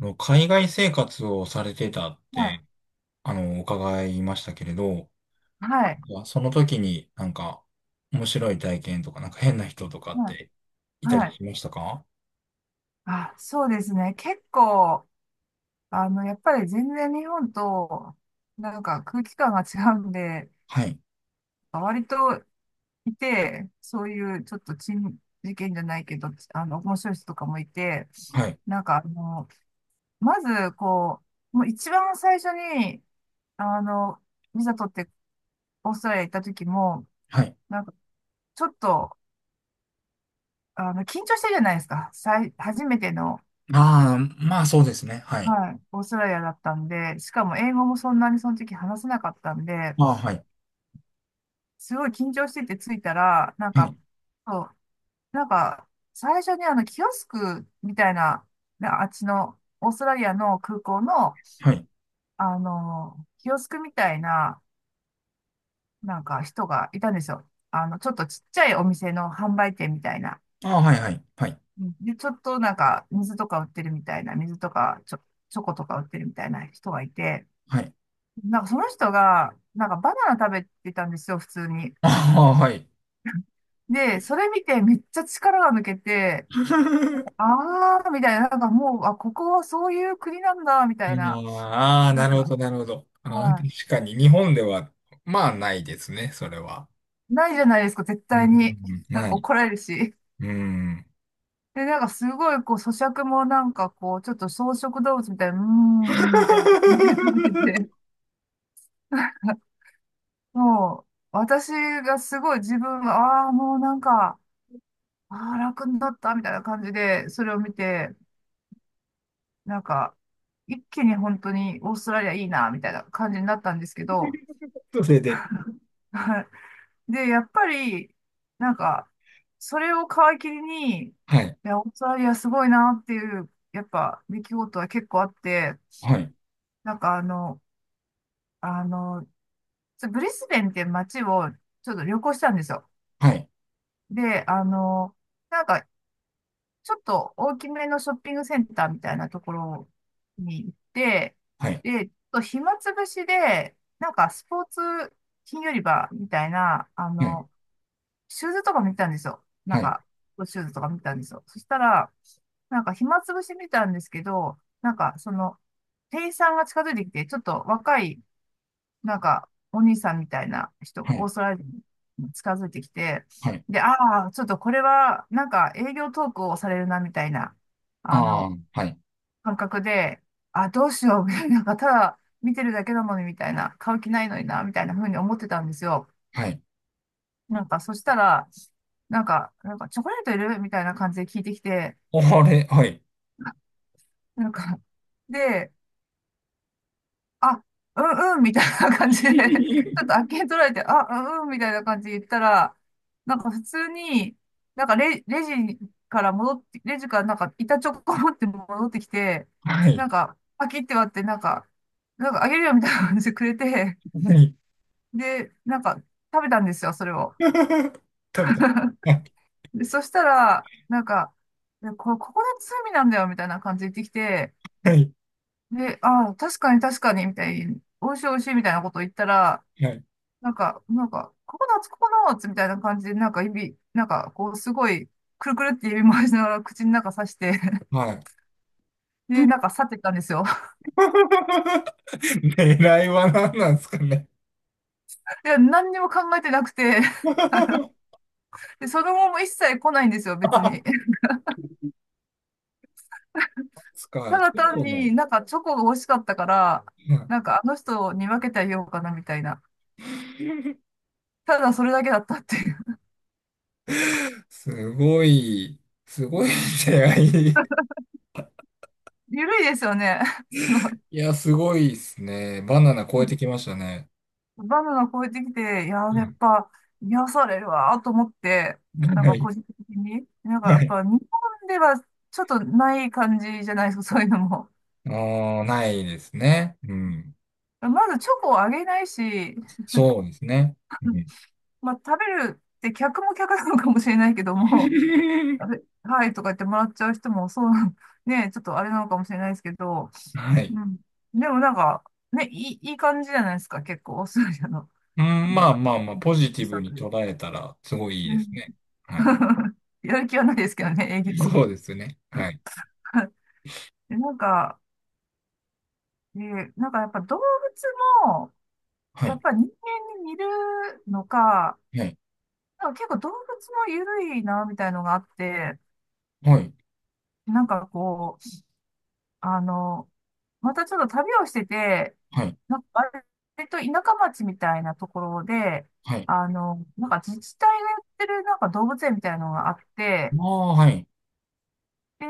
あの海外生活をされてたっはい、て、伺いましたけれど、はい、その時になんか面白い体験とか、なんか変な人とかっはい、ていたりはい。しましたか？あ、そうですね。結構、やっぱり全然日本と、空気感が違うんで、はい。割といて、そういうちょっと珍事件じゃないけど、面白い人とかもいて、はい。なんかあの、まず、もう一番最初に、あの、ビザ取ってオーストラリア行った時も、はい。なんかちょっと、緊張してるじゃないですか。さい、初めての。ああ、まあそうですね。はい。はい、オーストラリアだったんで、しかも英語もそんなにその時話せなかったんで、ああ、はい。すごい緊張してて着いたら、はい。そう、なんか、最初にキオスクみたいな、なあっちの、オーストラリアの空港の、はい。キオスクみたいな、人がいたんですよ。ちょっとちっちゃいお店の販売店みたいな。ああ、はい、はい。はい。うんで、ちょっと水とか売ってるみたいな、水とか、チョコとか売ってるみたいな人がいて、はい。その人が、バナナ食べてたんですよ、普通に。ああ、はい。で、それ見てめっちゃ力が抜けて、あ ー、みたいな、もう、あ、ここはそういう国なんだ、みたいな。ああ、ななんるほか、ど、なるほど。ああ、確はかに日本では、まあないですね、それは。い。ないじゃないですか、絶う対に。ん、ない。怒られるし。うん。で、すごい、咀嚼もちょっと草食動物みたいな、うーん、みたいな。食べてて もう、私がすごい自分が、ああ、もうああ、楽になった、みたいな感じで、それを見て、なんか、一気に本当にオーストラリアいいな、みたいな感じになったんですけど、それで。で、やっぱり、なんか、それを皮切りに、いはい、や、オーストラリアすごいなっていう、やっぱ、出来事は結構あって、はい、なんかあの、あの、ちょブリスベンっていう街をちょっと旅行したんですよ。はい、で、なんか、ちょっと大きめのショッピングセンターみたいなところに行って、はい、で、ちょっと暇つぶしで、スポーツ金売り場みたいな、はい、シューズとか見たんですよ。はい、シューズとか見たんですよ。そしたら、暇つぶし見たんですけど、その、店員さんが近づいてきて、ちょっと若いお兄さんみたいな人がはオい、ーストラリアに近づいてきて、はい、で、ああ、ちょっとこれは、営業トークをされるな、みたいな、ああの、ー、はい、感覚で、あ、どうしよう、みたいな、ただ見てるだけなのに、みたいな、買う気ないのにな、みたいな風に思ってたんですよ。はい。そしたら、チョコレートいるみたいな感じで聞いてきて、あれ、はい。なんか、で、あ、うんうんみたいな感じで ちょっとあっけに取られて、あ、うんうんみたいな感じで言ったら、普通に、レジから戻って、レジから板チョコ持って戻ってきて、はい、パキって割って、あげるよみたいな感じでくれて、はい。で、食べたんですよ、それを。食べた。はい、で、そしたら、でこれ、ここで罪なんだよみたいな感じで言ってきて、はい、で、ああ、確かに確かにみたいに、美味しい美味しいみたいなことを言ったら、はい。ココナッツ、ココナッツみたいな感じで、指、すごい、くるくるって指回しながら口の中刺して、はい。 で、去ってったんですよ。狙いは何なんですかね？いや、何にも考えてなくて、で、その後も一切来ないんですよ、別に。つたか、チだョ単コの。にチョコが欲しかったから、はい。 あの人に分けてあげようかな、みたいな。ただそれだけだったっていう。すごい、すごい出会い。緩いですよね。すごい。いや、すごいですね。バナナ超えてきましたね。バナナ超えてきて、いやうー、やっん。ぱ、癒されるわーと思って、ない。個人的に、なやっい。ぱ日本ではちょっとない感じじゃないですか、そういうのも。あー、ないですね。うん。まずチョコをあげないし、そうですね。うん。 まあ食べるって客も客なのかもしれないけども、あれはいとか言ってもらっちゃう人もそうなん、ね、ちょっとあれなのかもしれないですけど、はい。うん。でもね、いい、いい感じじゃないですか、結構、オーストラリアの、うあん、まの、あまあまあ、うんポジテ良ィブさとにいうか。捉えたら、すごいいいうですん ね。はい。やる気はないですけどね、営業。そうですね。はい。で、で、やっぱ動物も、はやい。っぱ人間に似るのか、はい。結構動物も緩いな、みたいのがあって、はい。なんかこう、あの、またちょっと旅をしてて、はい。なんか割と田舎町みたいなところで、はい。自治体がやってる動物園みたいなのがあって、まあ、あ、はい。で、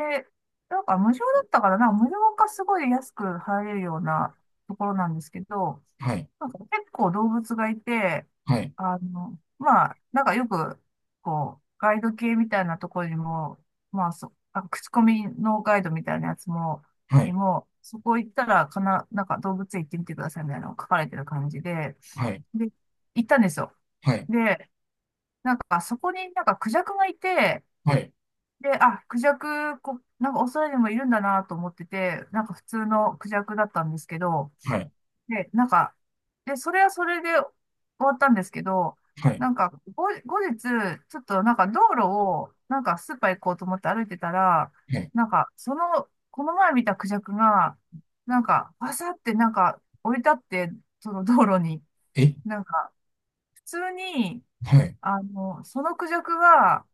無料だったからな、無料かすごい安く入れるようなところなんですけど、はい。結構動物がいて、はい。まあ、よく、ガイド系みたいなところにも、まあ、そ、あ、口コミのガイドみたいなやつも、はにい。も、そこ行ったら、かな、動物園行ってみてくださいみたいなのが書かれてる感じで、はい。で、行ったんですよ。はい。で、そこにクジャクがいて、はい。で、あ、クジャク、こ、オーストラリアにもいるんだなと思ってて、普通のクジャクだったんですけど、で、で、それはそれで終わったんですけど、はい。はい。なんか、後日、ちょっと道路を、スーパー行こうと思って歩いてたら、はい。その、この前見たクジャクが、バサって降り立って、その道路に、え、なんか、普通に、はい。そのクジャクは、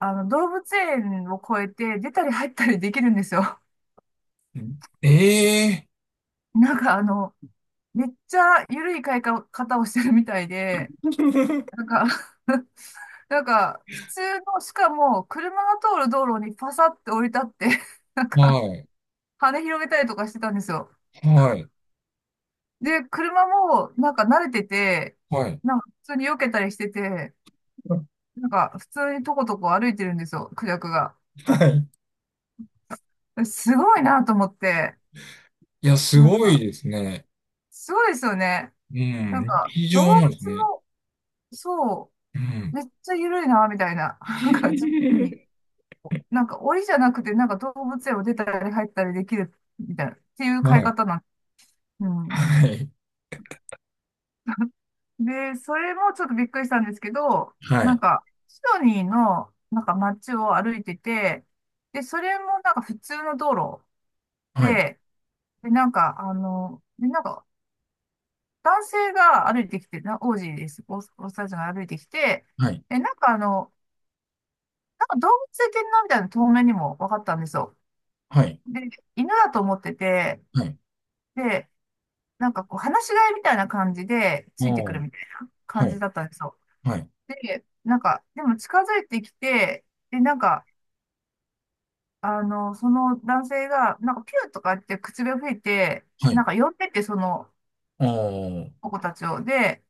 動物園を越えて出たり入ったりできるんですよ。ん、ええ なんかあの、めっちゃ緩い飼い方をしてるみたいで、ー。なんか 普通の、しかも、車が通る道路にパサって降り立って なんか、はい。羽広げたりとかしてたんですよ。はい。で、車も、慣れてて、はい。普通に避けたりしてて、普通にとことこ歩いてるんですよ、クジャクが。はい。すごいなと思って、いや、すなんごいか、ですね。すごいですよね。うん。日動常なんです物ね。もそうう、ん。めっちゃ緩いな、みたいな。自分に、檻じゃなくて、動物園を出たり入ったりできる、みたいな、っていうは飼いい。方なん、うん。はい。で、それもちょっとびっくりしたんですけど、はい。シドニーの、街を歩いてて、で、それも普通の道路はい。で、で、男性が歩いてきて、な、オージーです。オーストラリアんが歩いてきて、はい。で、動物園なみたいなの透明にも分かったんですよ。はい。で、犬だと思ってて、はい。で、なんかこう、放し飼いみたいな感じで、あついてくるー、みたいなは感じい。だったんですよ。はい。で、なんか、でも近づいてきて、で、なんか、その男性が、なんかピューとか言って口笛吹いて、はない。んか呼んでって、そのあー、子たちを。で、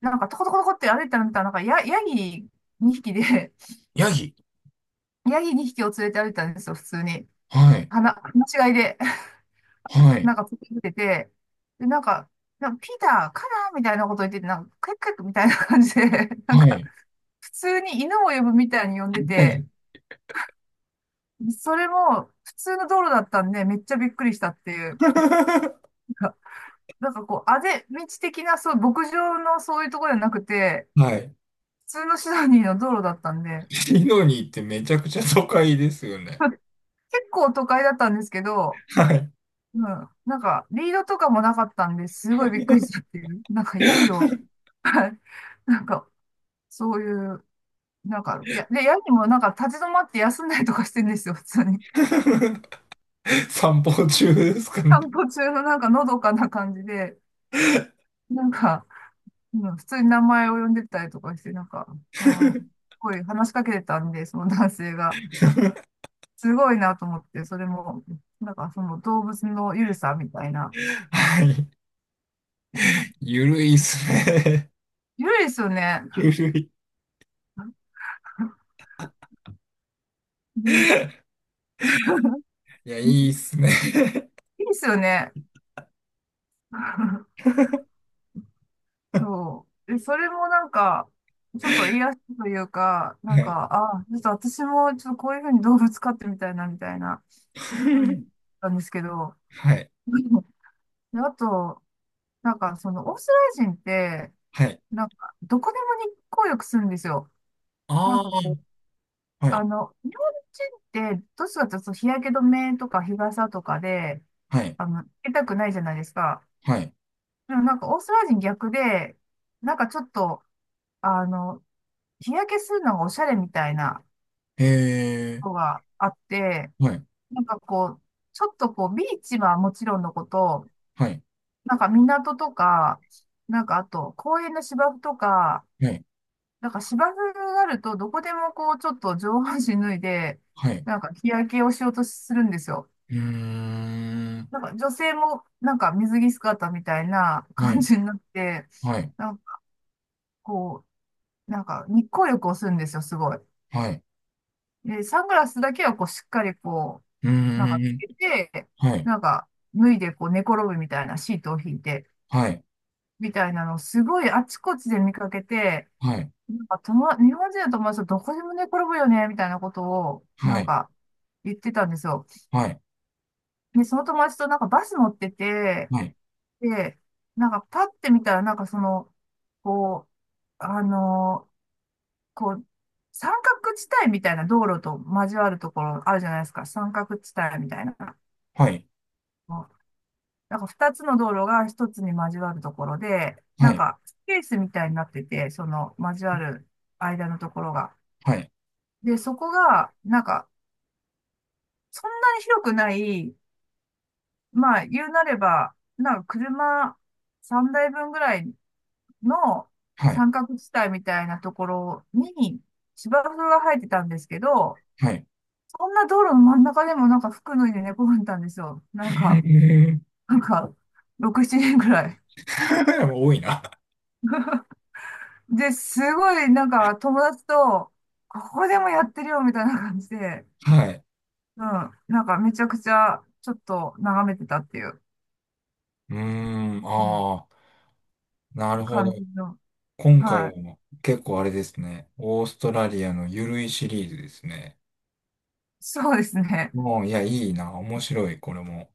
なんかトコトコトコって歩いてみたらなんかヤギ2匹で、ヤギ。ヤギ2匹を連れて歩いたんですよ、普通に。はい。放し飼いで。はい。なんか作ってて、で、なんか、なんかピーターかなみたいなこと言ってて、なんか、クイックイックみたいな感じで、なんはか、い。普通に犬を呼ぶみたいに呼んではい。て、それも普通の道路だったんで、めっちゃびっくりしたっていう。なんか、なんかこう、あぜ道的な、そう、牧場のそういうところじゃなくて、はい。普通のシドニーの道路だったんで、シドニーってめちゃくちゃ都会ですよね？まあ結構都会だったんですけど、はい。うん、なんか、リードとかもなかったんで、すごいびっくりしたっていう。なんか、ヤギを、はい、なんか、そういうなんか、いや、で、ヤギもなんか立ち止まって休んだりとかしてんですよ、普通に。散歩中ですかね？散歩中のなんかのどかな感じで、なんか、うん、普通に名前を呼んでたりとかして、なんか、うん、す ごい話しかけてたんで、その男性が。すごいなと思って、それも、なんかその動物のゆるさみたいな。はい。うん、ゆるいっすね。ゆるいですよね。ゆるい。でいいや、いいっすね。いですよね。そう。で、それもなんか、ちょっと 癒しというか、なんはい。か、ああ、ちょっと私もちょっとこういうふうに動物飼ってみたいな、みたいな、うん、なんですけど。はい。で、あと、なんかその、オーストラリア人って、はい。なんか、どこでも日光浴するんですよ。なんあかこう、あ、はい。日本人って、どうしてかというと日焼け止めとか日傘とかで、はい。受けたくないじゃないですか。はい。でもなんか、オーストラリア人逆で、なんかちょっと、あの、日焼けするのがおしゃれみたいなへえ。ことがあって、はい。なんかこう、ちょっとこう、ビーチはもちろんのこと、はい。なんか港とか、なんかあと公園の芝生とか、はい。なんか芝生があるとどこでもこう、ちょっと上半身脱いで、はい。なんか日焼けをしようとするんですよ。うーん。なんか女性もなんか水着姿みたいなは感い。じになって、はい。なんかこう、なんか日光浴をするんですよ、すごい。はい。で、サングラスだけはこう、しっかりこうう、なんかーつん。けて、はい。なんか脱いでこう寝転ぶみたいなシートを引いて、はい。みたいなのをすごいあちこちで見かけて、はい。なんか友達、日本人の友達とどこでも寝転ぶよね、みたいなことを、なはんい。か言ってたんですよ。はで、その友達となんかバス乗ってて、い。で、なんかパッて見たら、なんかその、こう、こう、三角地帯みたいな道路と交わるところあるじゃないですか。三角地帯みたいな。はい。なんか二つの道路が一つに交わるところで、はなんい。かスペースみたいになってて、その交わる間のところが。はい。で、そこが、なんか、そんなに広くない、まあ、言うなれば、なんか車3台分ぐらいのはい。三角地帯みたいなところに芝生が生えてたんですけど、はい。はい。そんな道路の真ん中でもなんか服脱いで寝転んでたんですよ。なへんか、ー。 なんか、6、7年ぐらい。多いな。で、すごい、なんか、友達と、ここでもやってるよ、みたいな感じで、はい。うん、なんか、めちゃくちゃ、ちょっと、眺めてたっていう、うーん。うん、ああ、なるほど。感じの、今は回い。は結構あれですね。オーストラリアのゆるいシリーズですね。そうですね。もう、いや、いいな。面白い、これも。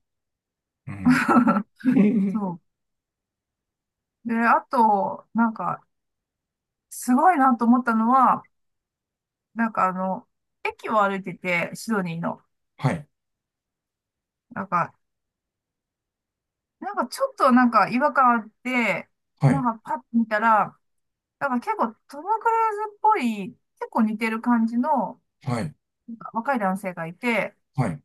うん。そう。で、あと、なんか、すごいなと思ったのは、なんかあの、駅を歩いてて、シドニーの。はい、なんか、なんかちょっとなんか違和感あって、はない、んかパッと見たら、なんか結構トム・クルーズっぽい、結構似てる感じの、はい、なんか若い男性がいて、はい、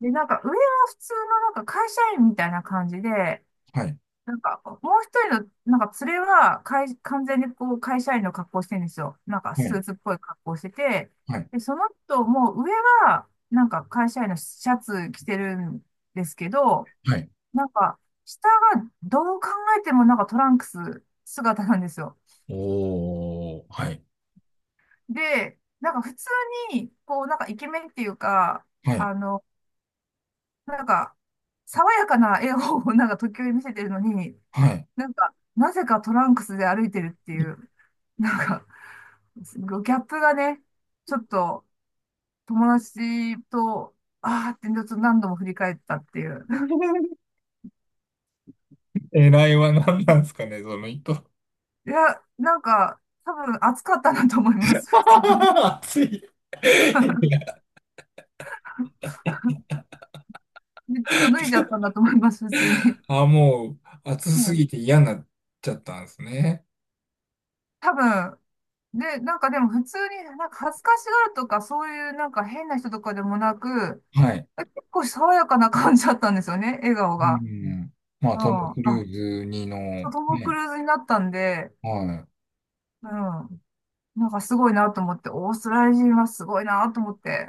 で、なんか上は普通のなんか会社員みたいな感じで、はい、なんかもう一人のなんか連れは会完全にこう会社員の格好してるんですよ。なんかはスーい、ツっぽい格好してて、はい、で、その人も上はなんか会社員のシャツ着てるんですけど、はい。なんか下がどう考えてもなんかトランクス姿なんですよ。おー、はい、で、なんか普通にこうなんかイケメンっていうか、はい、あの、なんか、爽やかな笑顔をなんか時折見せてるのに、はい。なんか、なぜかトランクスで歩いてるっていう、なんか、ギャップがね、ちょっと友達と、あーってちょっと何度も振り返ったっていう。狙いは何なんですかね、その糸。いや、なんか、多分暑かったなと思います、普通に。熱い。いや、でちょっと脱いじゃったんだと思います、普通に。あ、もう、熱うすん。ぎて嫌になっちゃったんですね。多分、で、なんかでも普通になんか恥ずかしがるとか、そういうなんか変な人とかでもなく、はい。結構爽やかな感じだったんですよね、笑顔うが。ん。まあ、うん。トム・クルあ、ーズ2の、トム・クね。ルーズになったんで、はうん。なんかすごいなと思って、オーストラリア人はすごいなと思って。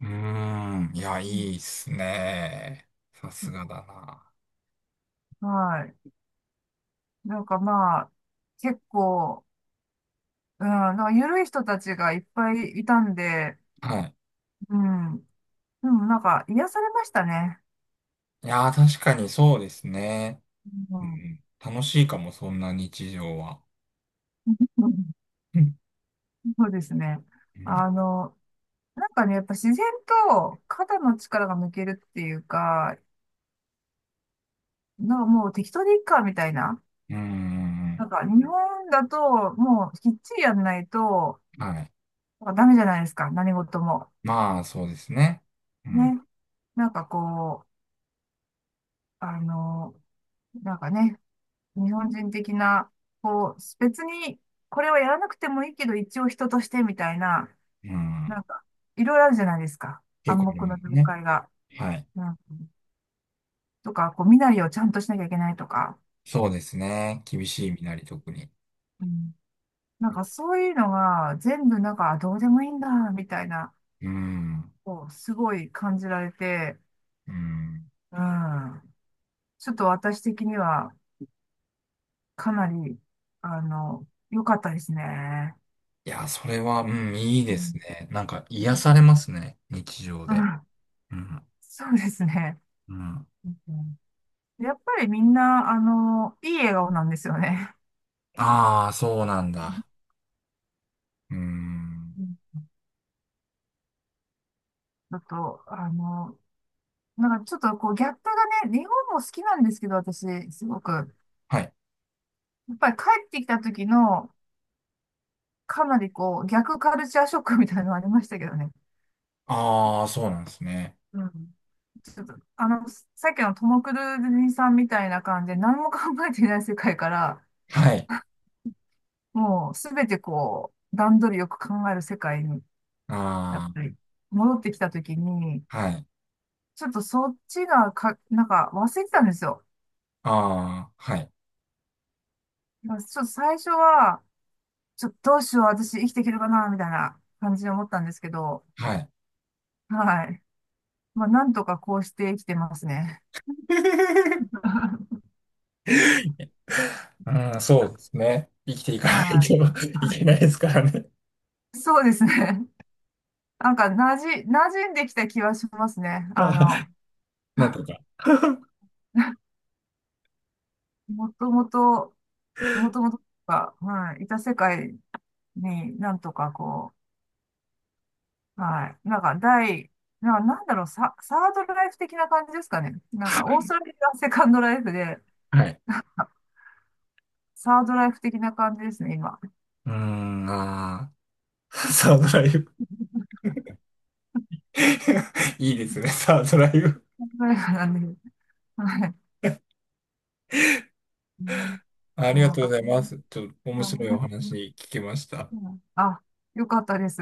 い。うーん。いや、うん、いいっすね。さすがだな。はい。なんかまあ、結構、うん、なんか緩い人たちがいっぱいいたんで、はうん。でもなんか癒されましたね。い。いやー、確かにそうですね。ううん。ん。楽しいかも、そんな日常は。うん、うん。そうですね。うん。あの、なんかね、やっぱ自然と肩の力が抜けるっていうか、なんかもう適当でいいか、みたいな。うんうん、なんか日本だと、もうきっちりやんないと、はい。なんかダメじゃないですか、何事も。まあ、そうですね。うん。ね。なんかこう、あの、なんかね、日本人的な、こう、別にこれはやらなくてもいいけど、一応人としてみたいな、うん。なんか、いろいろあるじゃないですか。結暗構あり黙まのす了ね。解が。はい。うん、とか、こう、身なりをちゃんとしなきゃいけないとか。そうですね。厳しい身なり、特に。うん、なんかそういうのが全部なんか、あ、どうでもいいんだ、みたいな。うん。こう、すごい感じられて、うん。うん。ちょっと私的にはかなり、良かったですね。いや、それは、うん、いいうですん。ね。なんか、う癒されん。ますね。日常うで。ん、うん。そうですね。うん。うん、やっぱりみんな、いい笑顔なんですよね。ああ、そうなんだ。うん。うん、だと、なんかちょっとこうギャップがね、日本も好きなんですけど、私、すごく。はい。やっぱり帰ってきた時の、かなりこう、逆カルチャーショックみたいなのありましたけどね。ああ、そうなんですね。うん。ちょっと、さっきのトム・クルーズさんみたいな感じで何も考えていない世界から、はい。もうすべてこう、段取りよく考える世界に、やっぱあり戻ってきたときに、あ、はい。ちょっとそっちがか、なんか忘れてたんですよ。ああ、はい。だからちょっと最初は、ちょっとどうしよう、私生きていけるかな、みたいな感じで思ったんですけど、はい。はい。まあ、なんとかこうして生きてますね。うん、そうですね。生きていかないはといけないですからね。い。そうですね。なんか、馴染んできた気はしますね。まあ、なんとか。もともと、もともとが、はい、いた世界になんとかこう、はい、なんかなんだろう、サードライフ的な感じですかね。なんか、オーストラリアがセカンドライフで、はい。サードライフ的な感じですね、今。うーん、ああ、サードライブ。いいですね、サードライブ。サードライフなんで、はい。うん、ありがもう、とうごがざいます。ちょっと面白いお話聞けました。うんあ、よかったです。